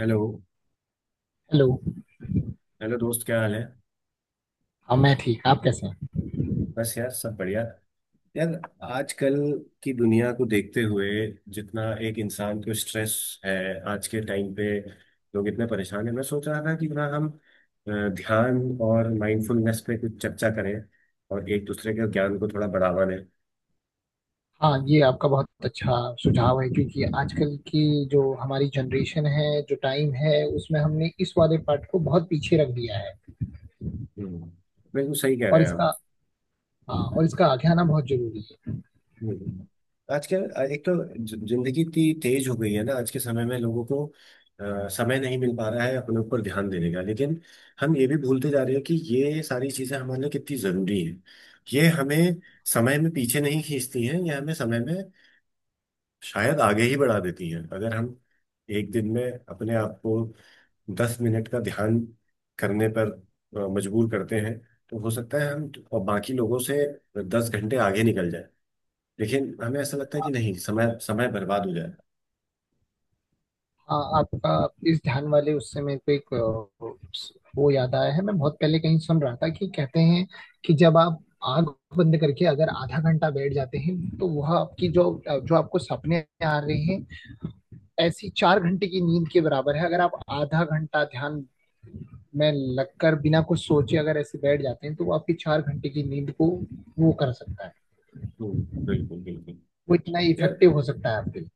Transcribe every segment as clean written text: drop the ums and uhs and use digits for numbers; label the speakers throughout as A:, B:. A: Hello.
B: Hello.
A: Hello दोस्त, क्या हाल है?
B: हाँ, मैं ठीक। आप कैसे हैं?
A: बस यार, सब बढ़िया। यार, आजकल की दुनिया को देखते हुए जितना एक इंसान को स्ट्रेस है, आज के टाइम पे लोग इतने परेशान हैं। मैं सोच रहा था कि ना हम ध्यान और माइंडफुलनेस पे कुछ चर्चा करें और एक दूसरे के ज्ञान को थोड़ा बढ़ावा दें।
B: हाँ, ये आपका बहुत अच्छा सुझाव है, क्योंकि आजकल की जो हमारी जनरेशन है, जो टाइम है, उसमें हमने इस वाले पार्ट को बहुत पीछे रख दिया है।
A: हम्म, बिल्कुल सही कह रहे
B: और
A: हैं
B: इसका
A: आप।
B: हाँ, और इसका आगे आना बहुत जरूरी है।
A: हम्म। हम्म। आज क्या, एक तो जिंदगी इतनी तेज हो गई है ना आज के समय में। लोगों को समय नहीं मिल पा रहा है अपने ऊपर ध्यान देने का। लेकिन हम ये भी भूलते जा रहे हैं कि ये सारी चीजें हमारे लिए कितनी जरूरी हैं। ये हमें समय में पीछे नहीं खींचती हैं, ये हमें समय में शायद आगे ही बढ़ा देती हैं। अगर हम एक दिन में अपने आप को 10 मिनट का ध्यान करने पर मजबूर करते हैं, तो हो सकता है हम बाकी लोगों से 10 घंटे आगे निकल जाए। लेकिन हमें ऐसा लगता है कि नहीं, समय समय बर्बाद हो जाएगा।
B: हाँ, आपका इस ध्यान वाले उस समय पे एक वो याद आया है। मैं बहुत पहले कहीं सुन रहा था कि कहते हैं कि जब आप आंख बंद करके अगर आधा घंटा बैठ जाते हैं तो वह आपकी जो जो आपको सपने आ रहे हैं, ऐसी 4 घंटे की नींद के बराबर है। अगर आप आधा घंटा ध्यान में लगकर बिना कुछ सोचे अगर ऐसे बैठ जाते हैं तो वो आपकी 4 घंटे की नींद को वो कर सकता है।
A: बिल्कुल बिल्कुल।
B: वो इतना
A: यार,
B: इफेक्टिव हो सकता है आपके लिए।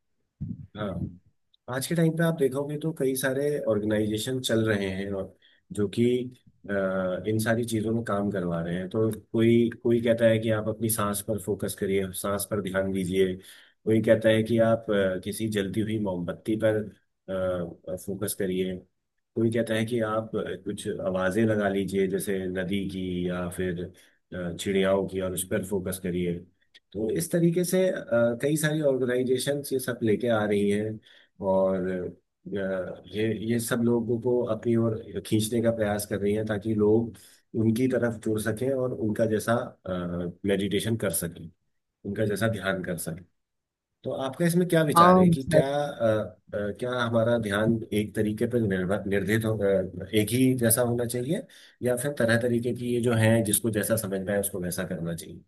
A: हाँ। आज के टाइम पे आप देखोगे तो कई सारे ऑर्गेनाइजेशन चल रहे हैं, और जो कि अ, इन सारी चीजों में काम करवा रहे हैं। तो कोई कोई कहता है कि आप अपनी सांस पर फोकस करिए, सांस पर ध्यान दीजिए। कोई कहता है कि आप किसी जलती हुई मोमबत्ती पर फोकस करिए। कोई कहता है कि आप कुछ आवाजें लगा लीजिए, जैसे नदी की या फिर चिड़ियाओं की, और उस पर फोकस करिए। तो इस तरीके से कई सारी ऑर्गेनाइजेशंस ये सब लेके आ रही हैं। और ये सब लोगों को अपनी ओर खींचने का प्रयास कर रही हैं, ताकि लोग उनकी तरफ जुड़ सकें और उनका जैसा मेडिटेशन कर सकें, उनका जैसा ध्यान कर सकें। तो आपका इसमें क्या विचार है
B: आम
A: कि क्या क्या हमारा ध्यान एक तरीके पर निर्भर निर्धारित हो, एक ही जैसा होना चाहिए, या फिर तरह तरीके की ये जो है, जिसको जैसा समझना है उसको वैसा करना चाहिए?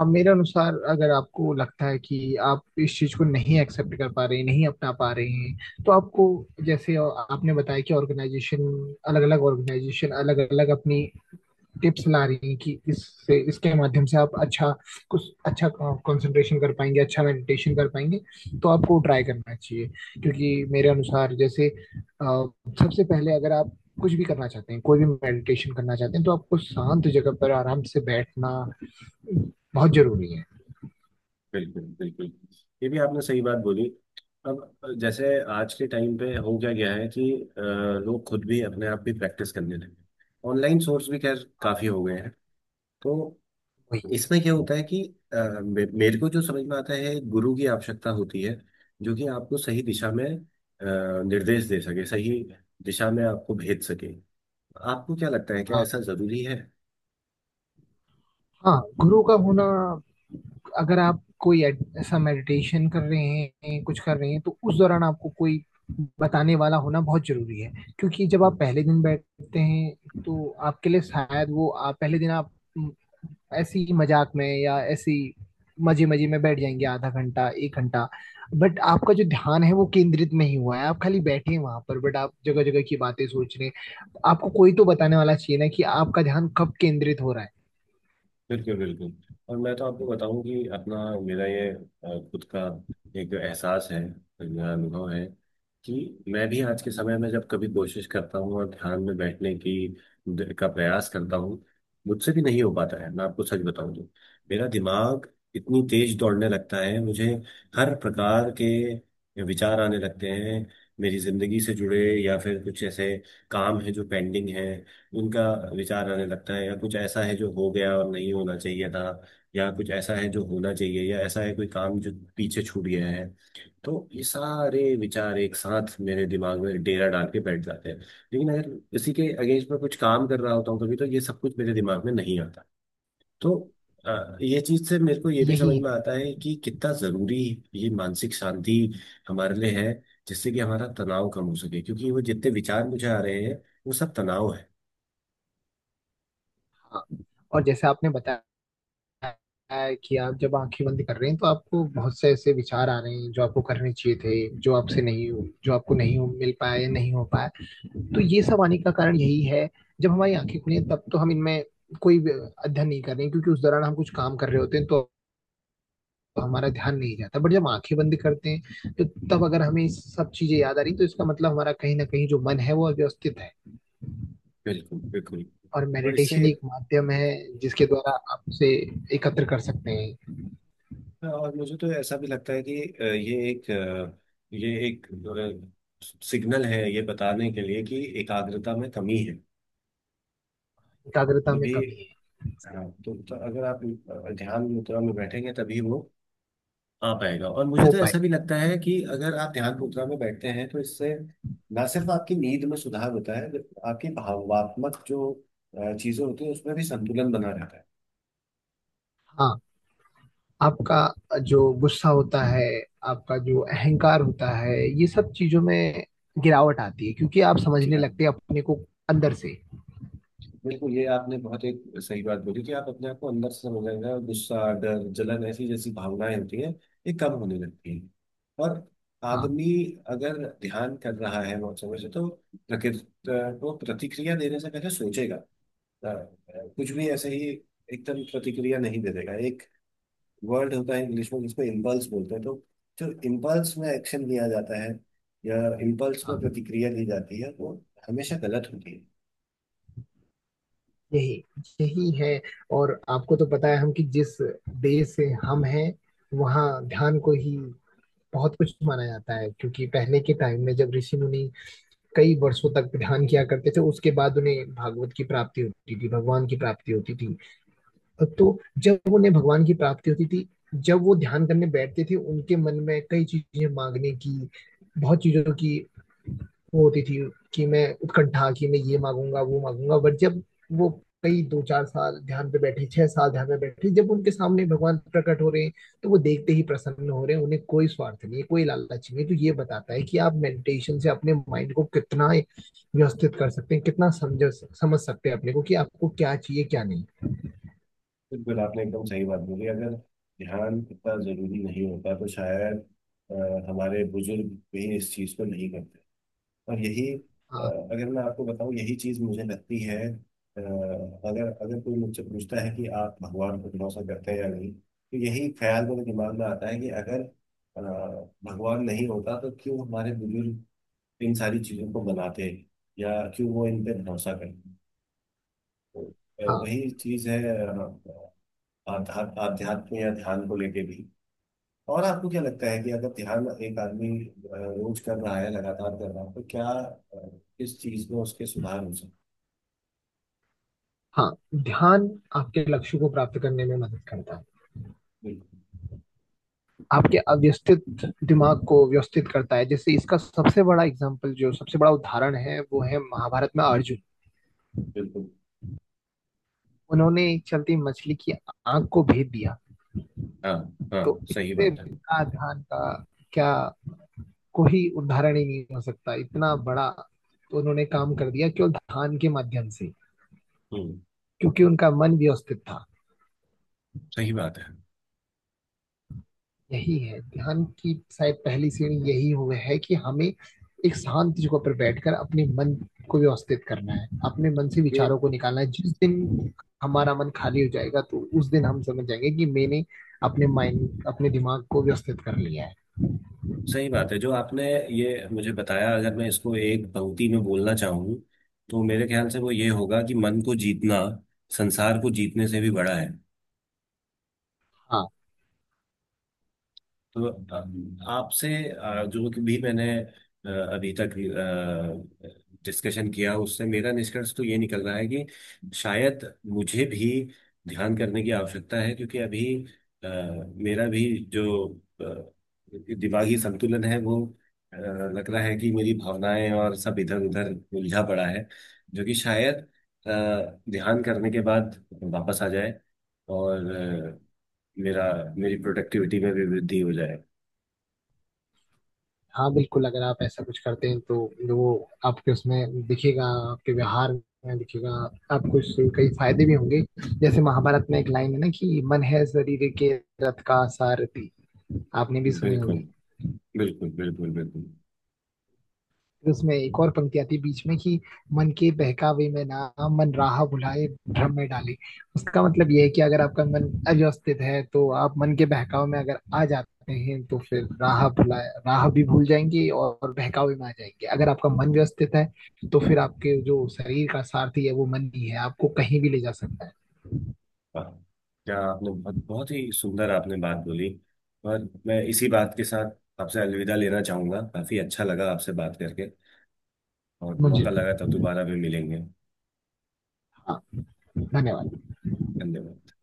B: अब मेरे अनुसार अगर आपको लगता है कि आप इस चीज को नहीं एक्सेप्ट कर पा रहे हैं, नहीं अपना पा रहे हैं, तो आपको, जैसे आपने बताया कि ऑर्गेनाइजेशन, अलग अलग ऑर्गेनाइजेशन अलग अलग अपनी टिप्स ला रही हैं कि इससे इसके माध्यम से आप अच्छा, कुछ अच्छा कंसंट्रेशन कर पाएंगे, अच्छा मेडिटेशन कर पाएंगे, तो आपको ट्राई करना चाहिए। क्योंकि मेरे अनुसार, जैसे सबसे पहले अगर आप कुछ भी करना चाहते हैं, कोई भी मेडिटेशन करना चाहते हैं, तो आपको शांत जगह पर आराम से बैठना बहुत जरूरी है।
A: बिल्कुल बिल्कुल, ये भी आपने सही बात बोली। अब जैसे आज के टाइम पे हो क्या गया है कि अ, लोग खुद भी, अपने आप भी प्रैक्टिस करने लगे, ऑनलाइन सोर्स भी खैर काफी हो गए हैं। तो
B: वही।
A: इसमें क्या होता है कि अ, मेरे को जो समझ में आता है, एक गुरु की आवश्यकता होती है जो कि आपको सही दिशा में निर्देश दे सके, सही दिशा में आपको भेज सके। आपको क्या लगता है, क्या
B: हाँ,
A: ऐसा जरूरी है?
B: हाँ, गुरु का होना, अगर आप कोई ऐसा मेडिटेशन कर रहे हैं, कुछ कर रहे हैं, तो उस दौरान आपको कोई बताने वाला होना बहुत जरूरी है। क्योंकि जब आप पहले दिन बैठते हैं तो आपके लिए शायद वो, आप पहले दिन आप म, ऐसे ही मजाक में या ऐसे ही मजे मजे में बैठ जाएंगे आधा घंटा, 1 घंटा, बट आपका जो ध्यान है वो केंद्रित नहीं हुआ है। आप खाली बैठे हैं वहां पर, बट आप जगह जगह की बातें सोच रहे हैं। आपको कोई तो बताने वाला चाहिए ना कि आपका ध्यान कब केंद्रित हो रहा है।
A: बिल्कुल बिल्कुल। और मैं तो आपको बताऊं कि अपना, मेरा ये खुद का एक एहसास है, मेरा अनुभव है, कि मैं भी आज के समय में जब कभी कोशिश करता हूँ और ध्यान में बैठने की का प्रयास करता हूँ, मुझसे भी नहीं हो पाता है। मैं आपको सच बताऊं तो मेरा दिमाग इतनी तेज दौड़ने लगता है, मुझे हर प्रकार के विचार आने लगते हैं। मेरी जिंदगी से जुड़े, या फिर कुछ ऐसे काम है जो पेंडिंग है उनका विचार आने लगता है, या कुछ ऐसा है जो हो गया और नहीं होना चाहिए था, या कुछ ऐसा है जो होना चाहिए, या ऐसा है कोई काम जो पीछे छूट गया है। तो ये सारे विचार एक साथ मेरे दिमाग में डेरा डाल के बैठ जाते हैं। लेकिन अगर इसी के अगेंस्ट में कुछ काम कर रहा होता हूँ कभी, तो ये सब कुछ मेरे दिमाग में नहीं आता। तो ये चीज से मेरे को ये भी
B: यही
A: समझ
B: है।
A: में आता है कि कितना जरूरी ये मानसिक शांति हमारे लिए है, जिससे कि हमारा तनाव कम हो सके, क्योंकि वो जितने विचार मुझे आ रहे हैं, वो सब तनाव है।
B: हाँ, और जैसे आपने बताया है कि आप जब आंखें बंद कर रहे हैं तो आपको बहुत से ऐसे विचार आ रहे हैं जो आपको करने चाहिए थे, जो आपसे नहीं हो, जो आपको नहीं हो, मिल पाए, नहीं हो पाए, तो ये सब आने का कारण यही है। जब हमारी आंखें खुली हैं तब तो हम इनमें कोई भी अध्ययन नहीं कर रहे हैं, क्योंकि उस दौरान हम कुछ काम कर रहे होते हैं तो हमारा ध्यान नहीं जाता। बट जब आंखें बंद करते हैं तो, तब अगर हमें सब चीजें याद आ रही तो इसका मतलब हमारा कहीं ना कहीं जो मन है वो अव्यवस्थित है।
A: बिल्कुल बिल्कुल।
B: और
A: और इससे
B: मेडिटेशन एक माध्यम है जिसके द्वारा आपसे एकत्र कर सकते हैं।
A: और मुझे तो ऐसा भी लगता है कि ये एक सिग्नल है, ये बताने के लिए कि एकाग्रता में कमी है
B: एकाग्रता में
A: तभी।
B: कमी है।
A: हाँ तो, अगर आप ध्यान मुद्रा में बैठेंगे तभी वो आ पाएगा। और मुझे
B: हो
A: तो
B: पाए।
A: ऐसा भी लगता है कि अगर आप ध्यान मुद्रा में बैठते हैं, तो इससे ना सिर्फ आपकी नींद में सुधार होता है, आपकी भावात्मक जो चीजें होती है उसमें भी संतुलन बना रहता है।
B: हाँ, आपका जो गुस्सा होता है, आपका जो अहंकार होता है, ये सब चीजों में गिरावट आती है क्योंकि आप
A: जी
B: समझने
A: हाँ।
B: लगते हैं अपने को अंदर से।
A: देखो, ये आपने बहुत एक सही बात बोली कि आप अपने आप को अंदर से समझाएंगे, और गुस्सा, डर, जलन ऐसी जैसी भावनाएं होती हैं ये कम होने लगती हैं। और
B: हाँ,
A: आदमी अगर ध्यान कर रहा है बहुत समय से, तो प्रकृति को प्रतिक्रिया देने से पहले सोचेगा। अ, कुछ भी
B: हाँ,
A: ऐसे ही एकदम प्रतिक्रिया नहीं दे देगा। एक वर्ड होता है इंग्लिश में जिसको इम्पल्स बोलते हैं। तो जो इम्पल्स में एक्शन लिया जाता है, या इम्पल्स में
B: हाँ,
A: प्रतिक्रिया दी जाती है, वो हमेशा गलत होती है।
B: यही यही है। और आपको तो पता है हम कि जिस देश से हम हैं, वहाँ ध्यान को ही बहुत कुछ माना जाता है, क्योंकि पहले के टाइम में जब ऋषि मुनि कई वर्षों तक ध्यान किया करते थे उसके बाद उन्हें भागवत की प्राप्ति होती थी, भगवान की प्राप्ति होती थी। तो जब उन्हें भगवान की प्राप्ति होती थी, जब वो ध्यान करने बैठते थे, उनके मन में कई चीजें मांगने की, बहुत चीजों की वो होती थी। कि मैं उत्कंठा कि मैं ये मांगूंगा, वो मांगूंगा, बट जब वो कई 2-4 साल ध्यान पे बैठे, 6 साल ध्यान में बैठे, जब उनके सामने भगवान प्रकट हो रहे हैं तो वो देखते ही प्रसन्न हो रहे हैं, उन्हें कोई स्वार्थ नहीं है, कोई लालच नहीं है। तो ये बताता है कि आप मेडिटेशन से अपने माइंड को कितना व्यवस्थित कर सकते हैं, कितना समझ समझ सकते हैं अपने को कि आपको क्या चाहिए क्या नहीं।
A: बिल्कुल, आपने एकदम सही बात बोली। अगर ध्यान इतना जरूरी नहीं होता, तो शायद अ, हमारे बुजुर्ग भी इस चीज को नहीं करते। और यही
B: हाँ,
A: अगर मैं आपको बताऊं, यही चीज मुझे लगती है। अगर अगर कोई मुझसे पूछता है कि आप भगवान पर भरोसा करते हैं या नहीं, तो यही ख्याल मेरे दिमाग में आता है कि अगर अ, भगवान नहीं होता, तो क्यों हमारे बुजुर्ग इन सारी चीजों को बनाते, या क्यों वो इन पे भरोसा करते। तो
B: हाँ,
A: वही चीज है आध्यात्म या ध्यान को लेके भी। और आपको क्या लगता है कि अगर ध्यान एक आदमी रोज कर रहा है, लगातार कर रहा है, तो क्या किस चीज में उसके सुधार हो सकते?
B: हाँ, ध्यान आपके लक्ष्य को प्राप्त करने में मदद करता है।
A: बिल्कुल
B: आपके अव्यवस्थित दिमाग को व्यवस्थित करता है। जैसे इसका सबसे बड़ा एग्जाम्पल, जो सबसे बड़ा उदाहरण है, वो है महाभारत में अर्जुन।
A: बिल्कुल।
B: उन्होंने एक चलती मछली की आंख को भेद दिया।
A: हाँ
B: तो
A: हाँ, सही
B: इससे
A: बात है।
B: बड़ा ध्यान का क्या, कोई उदाहरण ही नहीं हो सकता इतना बड़ा। तो उन्होंने काम कर दिया केवल ध्यान के माध्यम से,
A: हम्म,
B: क्योंकि उनका मन व्यवस्थित था।
A: सही बात है।
B: यही है ध्यान की शायद पहली सीढ़ी, यही हुए है कि हमें एक शांत जगह पर बैठकर अपने मन को व्यवस्थित करना है, अपने मन से
A: ये
B: विचारों को निकालना है। जिस दिन हमारा मन खाली हो जाएगा तो उस दिन हम समझ जाएंगे कि मैंने अपने माइंड, अपने दिमाग को व्यवस्थित कर लिया है।
A: सही बात है जो आपने ये मुझे बताया। अगर मैं इसको एक पंक्ति में बोलना चाहूँ, तो मेरे ख्याल से वो ये होगा कि मन को जीतना संसार को जीतने से भी बड़ा है।
B: हाँ,
A: तो आपसे जो कि भी मैंने अभी तक डिस्कशन किया, उससे मेरा निष्कर्ष तो ये निकल रहा है कि शायद मुझे भी ध्यान करने की आवश्यकता है, क्योंकि अभी अ, मेरा भी जो अ, दिमागी संतुलन है वो लग रहा है कि मेरी भावनाएं और सब इधर उधर उलझा पड़ा है, जो कि शायद अ, ध्यान करने के बाद वापस आ जाए। और मेरा मेरी प्रोडक्टिविटी में भी वृद्धि हो जाए।
B: हाँ, बिल्कुल, अगर आप ऐसा कुछ करते हैं तो वो आपके उसमें दिखेगा, आपके व्यवहार में दिखेगा। आपको इससे कई फायदे भी होंगे। जैसे महाभारत में एक लाइन है ना कि मन है शरीर के रथ का सारथी। आपने भी सुनी
A: बिल्कुल
B: होगी।
A: बिल्कुल बिल्कुल बिल्कुल।
B: फिर उसमें एक और पंक्ति आती है बीच में, कि मन के बहकावे में ना, मन राह भुलाए भ्रम में डाले। उसका मतलब यह है कि अगर आपका मन अव्यवस्थित है तो आप मन के बहकावे में अगर आ जाते हैं तो फिर राह भुलाए, राह भी भूल जाएंगे और बहकावे में आ जाएंगे। अगर आपका मन व्यवस्थित है तो फिर आपके जो शरीर का सारथी है वो मन ही है, आपको कहीं भी ले जा सकता है।
A: वाह, क्या आपने बहुत बहुत ही सुंदर आपने बात बोली। और मैं इसी बात के साथ आपसे अलविदा लेना चाहूंगा, काफी अच्छा लगा आपसे बात करके। और
B: मुझे,
A: मौका लगा तब दोबारा भी मिलेंगे।
B: हाँ, धन्यवाद।
A: धन्यवाद।